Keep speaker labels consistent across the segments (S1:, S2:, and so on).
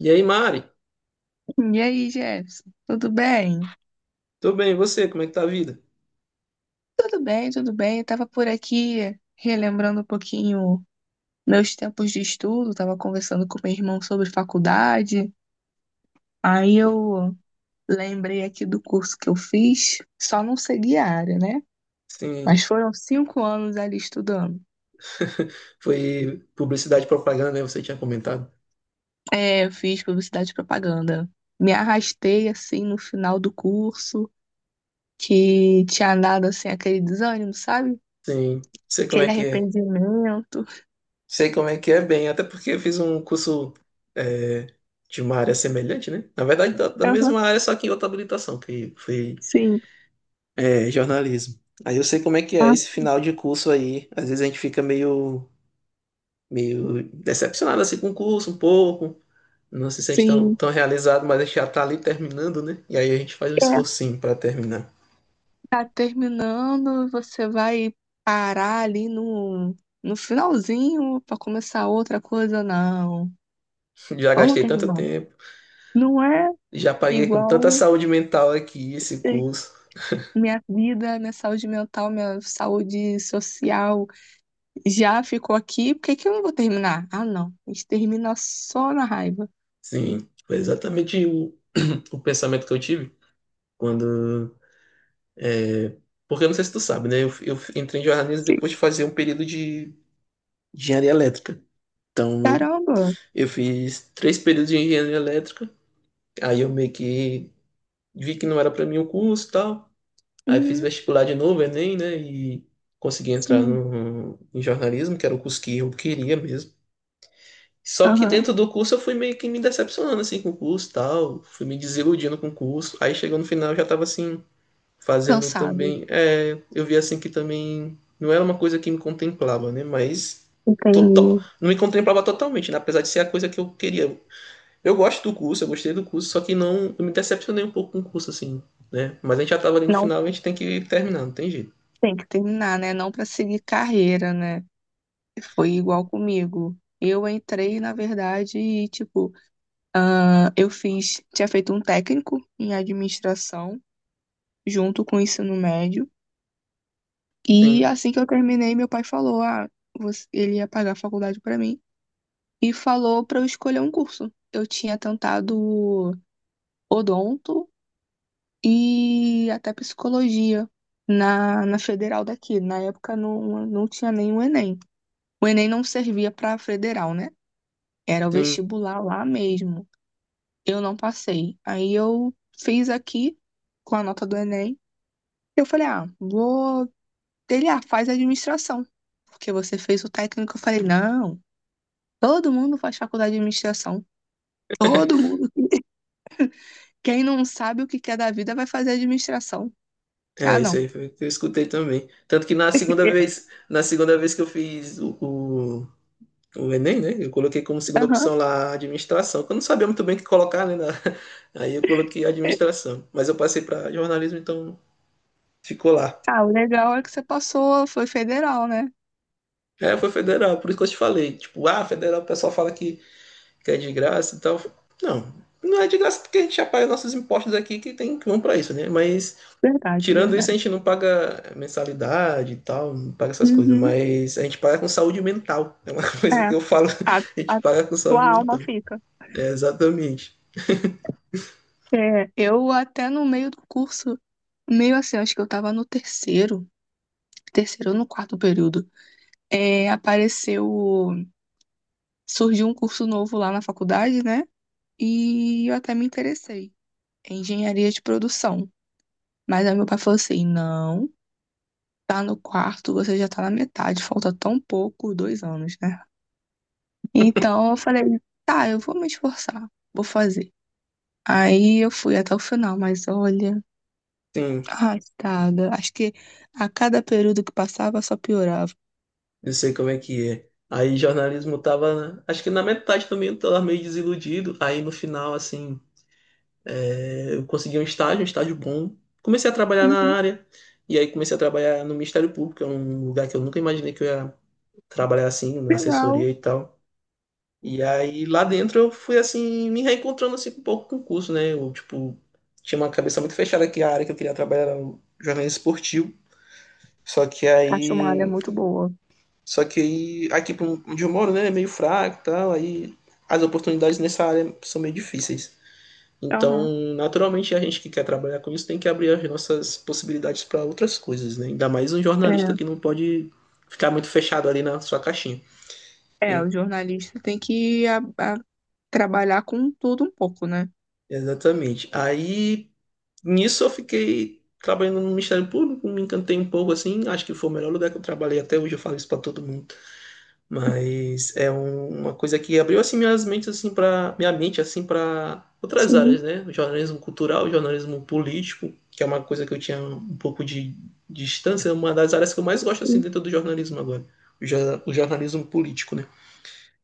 S1: E aí, Mari?
S2: E aí, Jefferson, tudo bem?
S1: Tudo bem, e você? Como é que tá a vida?
S2: Tudo bem, tudo bem. Eu tava por aqui relembrando um pouquinho meus tempos de estudo, tava conversando com meu irmão sobre faculdade. Aí eu lembrei aqui do curso que eu fiz, só não segui a área, né?
S1: Sim.
S2: Mas foram 5 anos ali estudando.
S1: Foi publicidade e propaganda, né? Você tinha comentado.
S2: É, eu fiz publicidade e propaganda. Me arrastei assim no final do curso, que tinha dado assim aquele desânimo, sabe?
S1: Sim, sei como é
S2: Aquele
S1: que é.
S2: arrependimento.
S1: Sei como é que é bem, até porque eu fiz um curso é, de uma área semelhante, né? Na verdade, da
S2: Aham,
S1: mesma área, só que em outra habilitação, que foi
S2: sim.
S1: jornalismo. Aí eu sei como é que é esse final de curso aí. Às vezes a gente fica meio, meio decepcionado assim, com o curso, um pouco. Não se sente tão,
S2: Sim,
S1: tão realizado, mas a gente já tá ali terminando, né? E aí a gente faz um
S2: é.
S1: esforcinho para terminar.
S2: Tá terminando, você vai parar ali no finalzinho pra começar outra coisa? Não.
S1: Já
S2: Vamos
S1: gastei tanto
S2: terminar.
S1: tempo,
S2: Não é
S1: já paguei com tanta
S2: igual
S1: saúde mental aqui esse
S2: eh,
S1: curso.
S2: minha vida, minha saúde mental, minha saúde social já ficou aqui, por que que eu não vou terminar? Ah, não. A gente termina só na raiva.
S1: Sim, foi exatamente o pensamento que eu tive quando. é, Porque eu não sei se tu sabe, né? Eu entrei em jornalismo
S2: Sim.
S1: depois de fazer um período de engenharia elétrica. Então eu,
S2: Caramba.
S1: eu fiz três períodos de engenharia elétrica. Aí eu meio que vi que não era para mim o curso e tal. Aí fiz
S2: Uhum,
S1: vestibular de novo, Enem, né? E consegui entrar
S2: sim.
S1: no, em jornalismo, que era o curso que eu queria mesmo. Só que
S2: Aham.
S1: dentro do curso eu fui meio que me decepcionando assim com o curso e tal, fui me desiludindo com o curso. Aí chegou no final eu já tava assim, fazendo
S2: Cansado.
S1: também. É, eu vi assim que também não era uma coisa que me contemplava, né? Mas
S2: Entendi.
S1: não me contemplava totalmente, né? Apesar de ser a coisa que eu queria. Eu gosto do curso, eu gostei do curso, só que não, eu me decepcionei um pouco com o curso, assim, né? Mas a gente já tava ali no
S2: Não,
S1: final, a gente tem que terminar, não tem jeito.
S2: tem que terminar, né? Não pra seguir carreira, né? Foi igual comigo. Eu entrei, na verdade, e, tipo, ah, eu fiz, tinha feito um técnico em administração junto com o ensino médio. E
S1: Sim,
S2: assim que eu terminei, meu pai falou, ah, você- ele ia pagar a faculdade pra mim e falou pra eu escolher um curso. Eu tinha tentado odonto e até psicologia na federal daqui. Na época não, não tinha nem o Enem. O Enem não servia pra federal, né? Era o
S1: sim.
S2: vestibular lá mesmo. Eu não passei. Aí eu fiz aqui com a nota do Enem. Eu falei, ah, vou. Ele, ah, faz administração. Porque você fez o técnico. Eu falei, não, todo mundo faz faculdade de administração. Todo mundo. Quem não sabe o que quer da vida vai fazer administração. Ah,
S1: É, isso
S2: não.
S1: aí foi o que eu escutei também. Tanto que na segunda vez que eu fiz o Enem, né? Eu coloquei como
S2: Eu,
S1: segunda
S2: aham.
S1: opção lá a administração. Que Eu não sabia muito bem o que colocar, né? Aí eu coloquei administração. Mas eu passei para jornalismo, então ficou lá.
S2: Ah, o legal é que você passou, foi federal, né?
S1: É, foi federal, por isso que eu te falei. Tipo, ah, federal, o pessoal fala que é de graça e tal. Não, não é de graça porque a gente já paga nossos impostos aqui que vão para isso, né? Mas
S2: Verdade,
S1: tirando isso, a
S2: verdade.
S1: gente não paga mensalidade e tal, não paga essas coisas,
S2: Uhum,
S1: mas a gente paga com saúde mental. É uma coisa
S2: é.
S1: que eu falo,
S2: A,
S1: a gente
S2: a
S1: paga com saúde
S2: tua alma
S1: mental.
S2: fica.
S1: É, exatamente.
S2: É, eu até no meio do curso meio assim, acho que eu tava no terceiro, ou no quarto período, apareceu, surgiu um curso novo lá na faculdade, né? E eu até me interessei em engenharia de produção. Mas aí meu pai falou assim: não, tá no quarto, você já tá na metade, falta tão pouco, 2 anos, né? Então eu falei: tá, eu vou me esforçar, vou fazer. Aí eu fui até o final, mas olha,
S1: Sim,
S2: arrastada. Acho que a cada período que passava só piorava.
S1: eu sei como é que é. Aí jornalismo tava, acho que na metade também eu tava meio desiludido. Aí no final, assim, eu consegui um estágio bom. Comecei a trabalhar na
S2: Uhum,
S1: área, e aí comecei a trabalhar no Ministério Público, é um lugar que eu nunca imaginei que eu ia trabalhar assim, na assessoria
S2: final.
S1: e tal. E aí lá dentro eu fui assim, me reencontrando assim um pouco com o curso, né? Eu, tipo, tinha uma cabeça muito fechada que a área que eu queria trabalhar era o jornalismo esportivo. Só que
S2: Acho uma área
S1: aí.
S2: muito boa.
S1: Só que aí, aqui pra um, onde eu moro, né, é meio fraco e tal. Aí as oportunidades nessa área são meio difíceis. Então,
S2: Aham.
S1: naturalmente, a gente que quer trabalhar com isso tem que abrir as nossas possibilidades para outras coisas, né? Ainda mais um jornalista que não pode ficar muito fechado ali na sua caixinha.
S2: É, é,
S1: E-
S2: o jornalista tem que trabalhar com tudo um pouco, né?
S1: Exatamente. Aí. Nisso eu fiquei trabalhando no Ministério Público, me encantei um pouco assim, acho que foi o melhor lugar que eu trabalhei até hoje, eu falo isso pra todo mundo. Mas é uma coisa que abriu assim minhas mentes assim para minha mente assim para outras
S2: Sim,
S1: áreas, né? O jornalismo cultural, o jornalismo político, que é uma coisa que eu tinha um pouco de distância, é uma das áreas que eu mais gosto assim
S2: sim.
S1: dentro do jornalismo agora. O, o jornalismo político, né?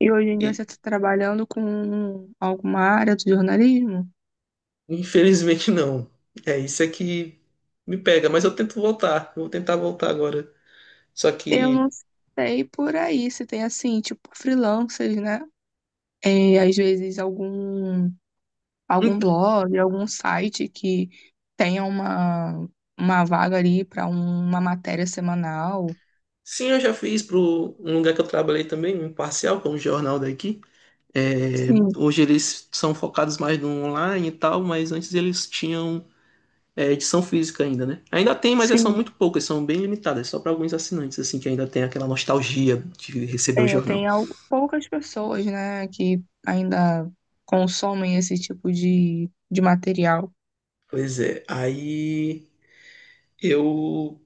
S2: E hoje em dia você
S1: E
S2: está trabalhando com alguma área do jornalismo?
S1: infelizmente não. É isso é que me pega, mas eu tento voltar, eu vou tentar voltar agora. Só
S2: Eu
S1: que
S2: não sei por aí se tem assim, tipo freelancers, né? É, às vezes algum
S1: então,
S2: blog, algum site que tenha uma vaga ali para uma matéria semanal.
S1: sim, eu já fiz para um lugar que eu trabalhei também, um parcial, que é um jornal daqui. É,
S2: Sim,
S1: hoje eles são focados mais no online e tal, mas antes eles tinham edição física ainda, né? Ainda tem, mas é, são
S2: sim.
S1: muito poucas, são bem limitadas, só para alguns assinantes, assim, que ainda tem aquela nostalgia de receber o
S2: É,
S1: jornal.
S2: tem poucas pessoas, né, que ainda consomem esse tipo de material.
S1: Pois é, aí eu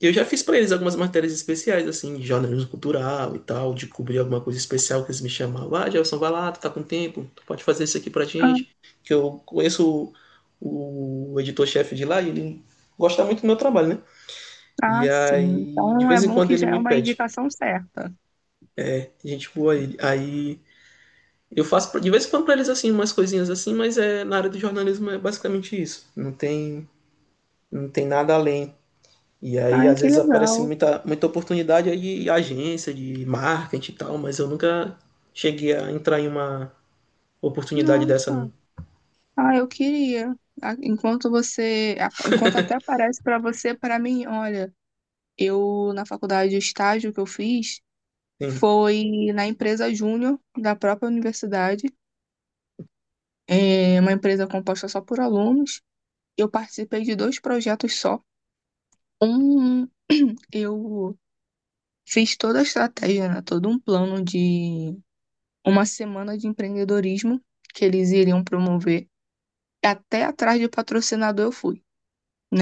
S1: Eu já fiz pra eles algumas matérias especiais, assim, de jornalismo cultural e tal, de cobrir alguma coisa especial que eles me chamavam. Ah, Gelson, vai lá, tu tá com tempo, tu pode fazer isso aqui pra
S2: Ah,
S1: gente. Que eu conheço o editor-chefe de lá e ele gosta muito do meu trabalho, né?
S2: ah,
S1: E
S2: sim.
S1: aí, de
S2: Então é
S1: vez em
S2: bom
S1: quando
S2: que
S1: ele
S2: já é
S1: me
S2: uma
S1: pede.
S2: indicação certa.
S1: A gente voa ele. Aí eu faço de vez em quando pra eles, assim, umas coisinhas assim, mas é, na área do jornalismo é basicamente isso. Não tem, não tem nada além. E aí,
S2: Ai,
S1: às
S2: que
S1: vezes, aparece
S2: legal.
S1: muita, muita oportunidade aí de agência, de marketing e tal, mas eu nunca cheguei a entrar em uma oportunidade dessa,
S2: Nossa.
S1: não.
S2: Ah, eu queria. Ah, enquanto até aparece para você, para mim, olha, eu na faculdade, o estágio que eu fiz
S1: Sim,
S2: foi na empresa júnior da própria universidade. É uma empresa composta só por alunos. Eu participei de dois projetos só. Um, eu fiz toda a estratégia, né, todo um plano de uma semana de empreendedorismo que eles iriam promover. Até atrás de patrocinador eu fui,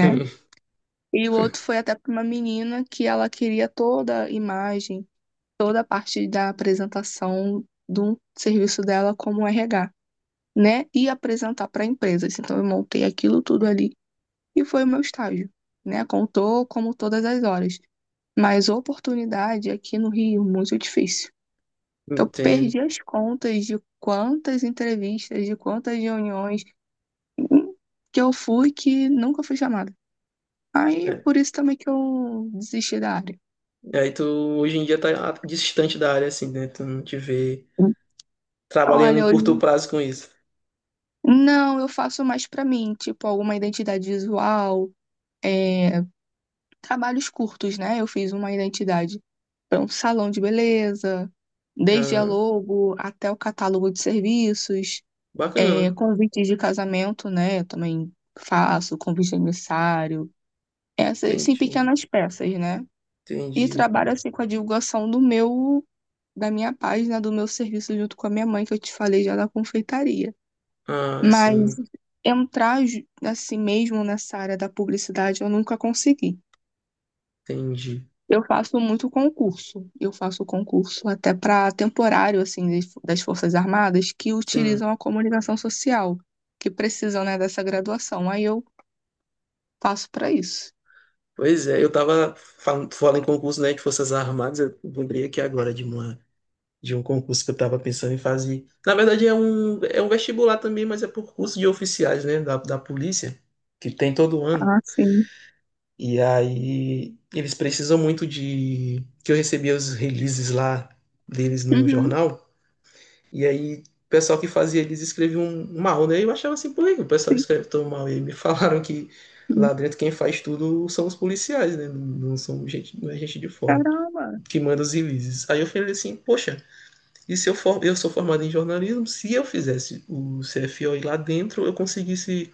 S1: sim,
S2: E o outro foi até para uma menina que ela queria toda a imagem, toda a parte da apresentação do serviço dela como RH, né? E apresentar para empresas. Então eu montei aquilo tudo ali e foi o meu estágio, né? Contou como todas as horas. Mas oportunidade aqui no Rio, muito difícil. Eu
S1: entendo.
S2: perdi as contas de quantas entrevistas, de quantas reuniões que eu fui que nunca fui chamada. Aí,
S1: É.
S2: por isso também que eu desisti da área.
S1: E aí tu, hoje em dia, tá distante da área, assim, né? Tu não te vê trabalhando em
S2: Olha,
S1: curto
S2: hoje,
S1: prazo com isso.
S2: não, eu faço mais pra mim, tipo, alguma identidade visual, é, trabalhos curtos, né? Eu fiz uma identidade para um salão de beleza, desde a
S1: Ah,
S2: logo até o catálogo de serviços. É,
S1: bacana.
S2: convites de casamento, né? Eu também faço, convite de aniversário, essas, sim,
S1: Entendi,
S2: pequenas peças, né? E
S1: entendi.
S2: trabalho assim com a divulgação do meu, da minha página, do meu serviço junto com a minha mãe, que eu te falei já da confeitaria.
S1: Ah,
S2: Mas
S1: sim,
S2: entrar assim mesmo nessa área da publicidade eu nunca consegui.
S1: entendi.
S2: Eu faço muito concurso. Eu faço concurso até para temporário assim das Forças Armadas que
S1: Sim.
S2: utilizam a comunicação social, que precisam, né, dessa graduação. Aí eu passo para isso.
S1: Pois é, eu tava falando, falando em concurso, né, de Forças Armadas, eu lembrei aqui agora de uma de um concurso que eu estava pensando em fazer. Na verdade, é um vestibular também, mas é por curso de oficiais, né, da polícia, que tem todo ano.
S2: Ah, sim.
S1: E aí eles precisam muito de que eu recebia os releases lá deles no
S2: Uhum.
S1: jornal. E aí o pessoal que fazia eles escreviam mal, né? Eu achava assim, por que o pessoal
S2: Sim.
S1: escreve tão mal? E aí me falaram que
S2: Hum.
S1: lá dentro quem faz tudo são os policiais, né? Não, não são gente, não é gente de fora
S2: Caramba,
S1: que manda os releases. Aí eu falei assim, poxa, e se eu for, eu sou formado em jornalismo, se eu fizesse o CFO e lá dentro, eu conseguisse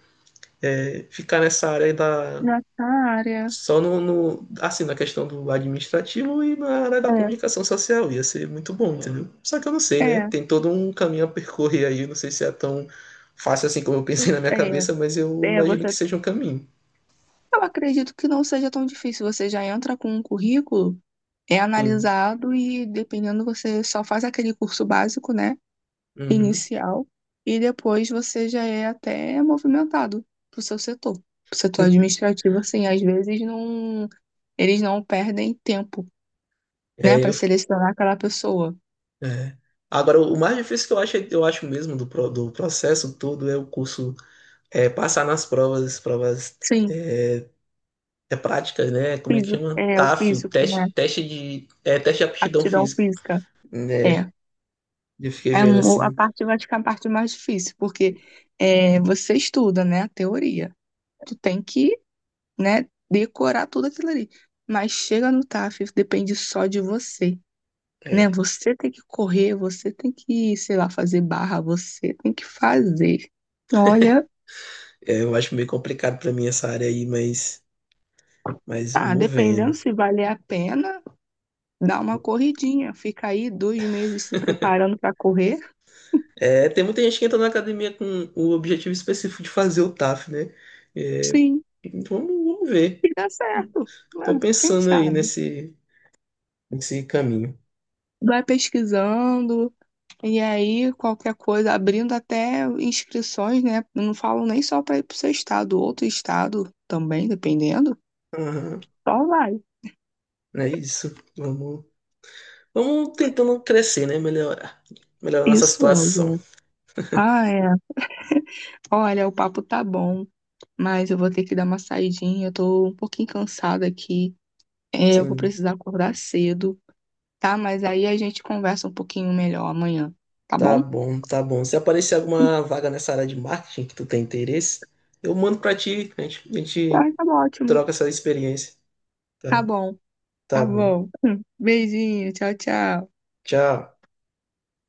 S1: ficar nessa área da
S2: já tá a área.
S1: só assim na questão do administrativo e na área da comunicação social ia ser muito bom, entendeu? Só que eu não sei,
S2: É,
S1: né?
S2: é,
S1: Tem todo um caminho a percorrer aí, eu não sei se é tão fácil assim como eu pensei na minha
S2: é,
S1: cabeça, mas eu
S2: é,
S1: imagino que
S2: você.
S1: seja um caminho.
S2: Eu acredito que não seja tão difícil. Você já entra com um currículo, é
S1: Sim.
S2: analisado e, dependendo, você só faz aquele curso básico, né?
S1: Uhum.
S2: Inicial. E depois você já é até movimentado pro seu setor. Pro setor administrativo, assim, às vezes não, eles não perdem tempo, né,
S1: É,
S2: para
S1: eu,
S2: selecionar aquela pessoa.
S1: é. Agora o mais difícil que eu acho mesmo do processo todo é o curso passar nas provas, provas
S2: Sim.
S1: é, práticas, né? Como é que
S2: Físico,
S1: chama?
S2: é, o
S1: TAF,
S2: físico,
S1: teste,
S2: né?
S1: teste de, é, teste de aptidão
S2: Aptidão
S1: física,
S2: física.
S1: né?
S2: É.
S1: Eu fiquei
S2: É,
S1: vendo
S2: um- a
S1: assim,
S2: parte, vai ficar a parte mais difícil, porque é, você estuda, né, a teoria. Tu tem que, né, decorar tudo aquilo ali. Mas chega no TAF, depende só de você, né?
S1: é,
S2: Você tem que correr, você tem que, sei lá, fazer barra, você tem que fazer. Olha,
S1: eu acho meio complicado pra mim essa área aí, mas
S2: ah,
S1: vamos
S2: dependendo
S1: vendo.
S2: se valer a pena, dá uma corridinha. Fica aí 2 meses se preparando para correr.
S1: É, tem muita gente que entra na academia com o objetivo específico de fazer o TAF, né? É,
S2: Sim.
S1: então, vamos, vamos
S2: E
S1: ver.
S2: dá certo,
S1: Tô
S2: né? Quem
S1: pensando aí
S2: sabe?
S1: nesse, nesse caminho.
S2: Vai pesquisando, e aí qualquer coisa, abrindo até inscrições, né? Eu não falo nem só para ir para o seu estado, outro estado também, dependendo.
S1: Aham,
S2: Só vai.
S1: é isso. Vamos. Vamos tentando crescer, né? Melhorar. Melhorar nossa
S2: Isso é,
S1: situação.
S2: gente. Ah, é. Olha, o papo tá bom, mas eu vou ter que dar uma saidinha. Eu tô um pouquinho cansada aqui. É, eu vou
S1: Sim,
S2: precisar acordar cedo, tá? Mas aí a gente conversa um pouquinho melhor amanhã, tá
S1: tá
S2: bom?
S1: bom, tá bom. Se aparecer alguma vaga nessa área de marketing que tu tem interesse, eu mando pra ti, a
S2: Ah,
S1: gente
S2: tá ótimo.
S1: troca essa experiência.
S2: Tá
S1: Tá,
S2: bom.
S1: tá
S2: Tá
S1: bom.
S2: bom. Beijinho, tchau, tchau.
S1: Tchau.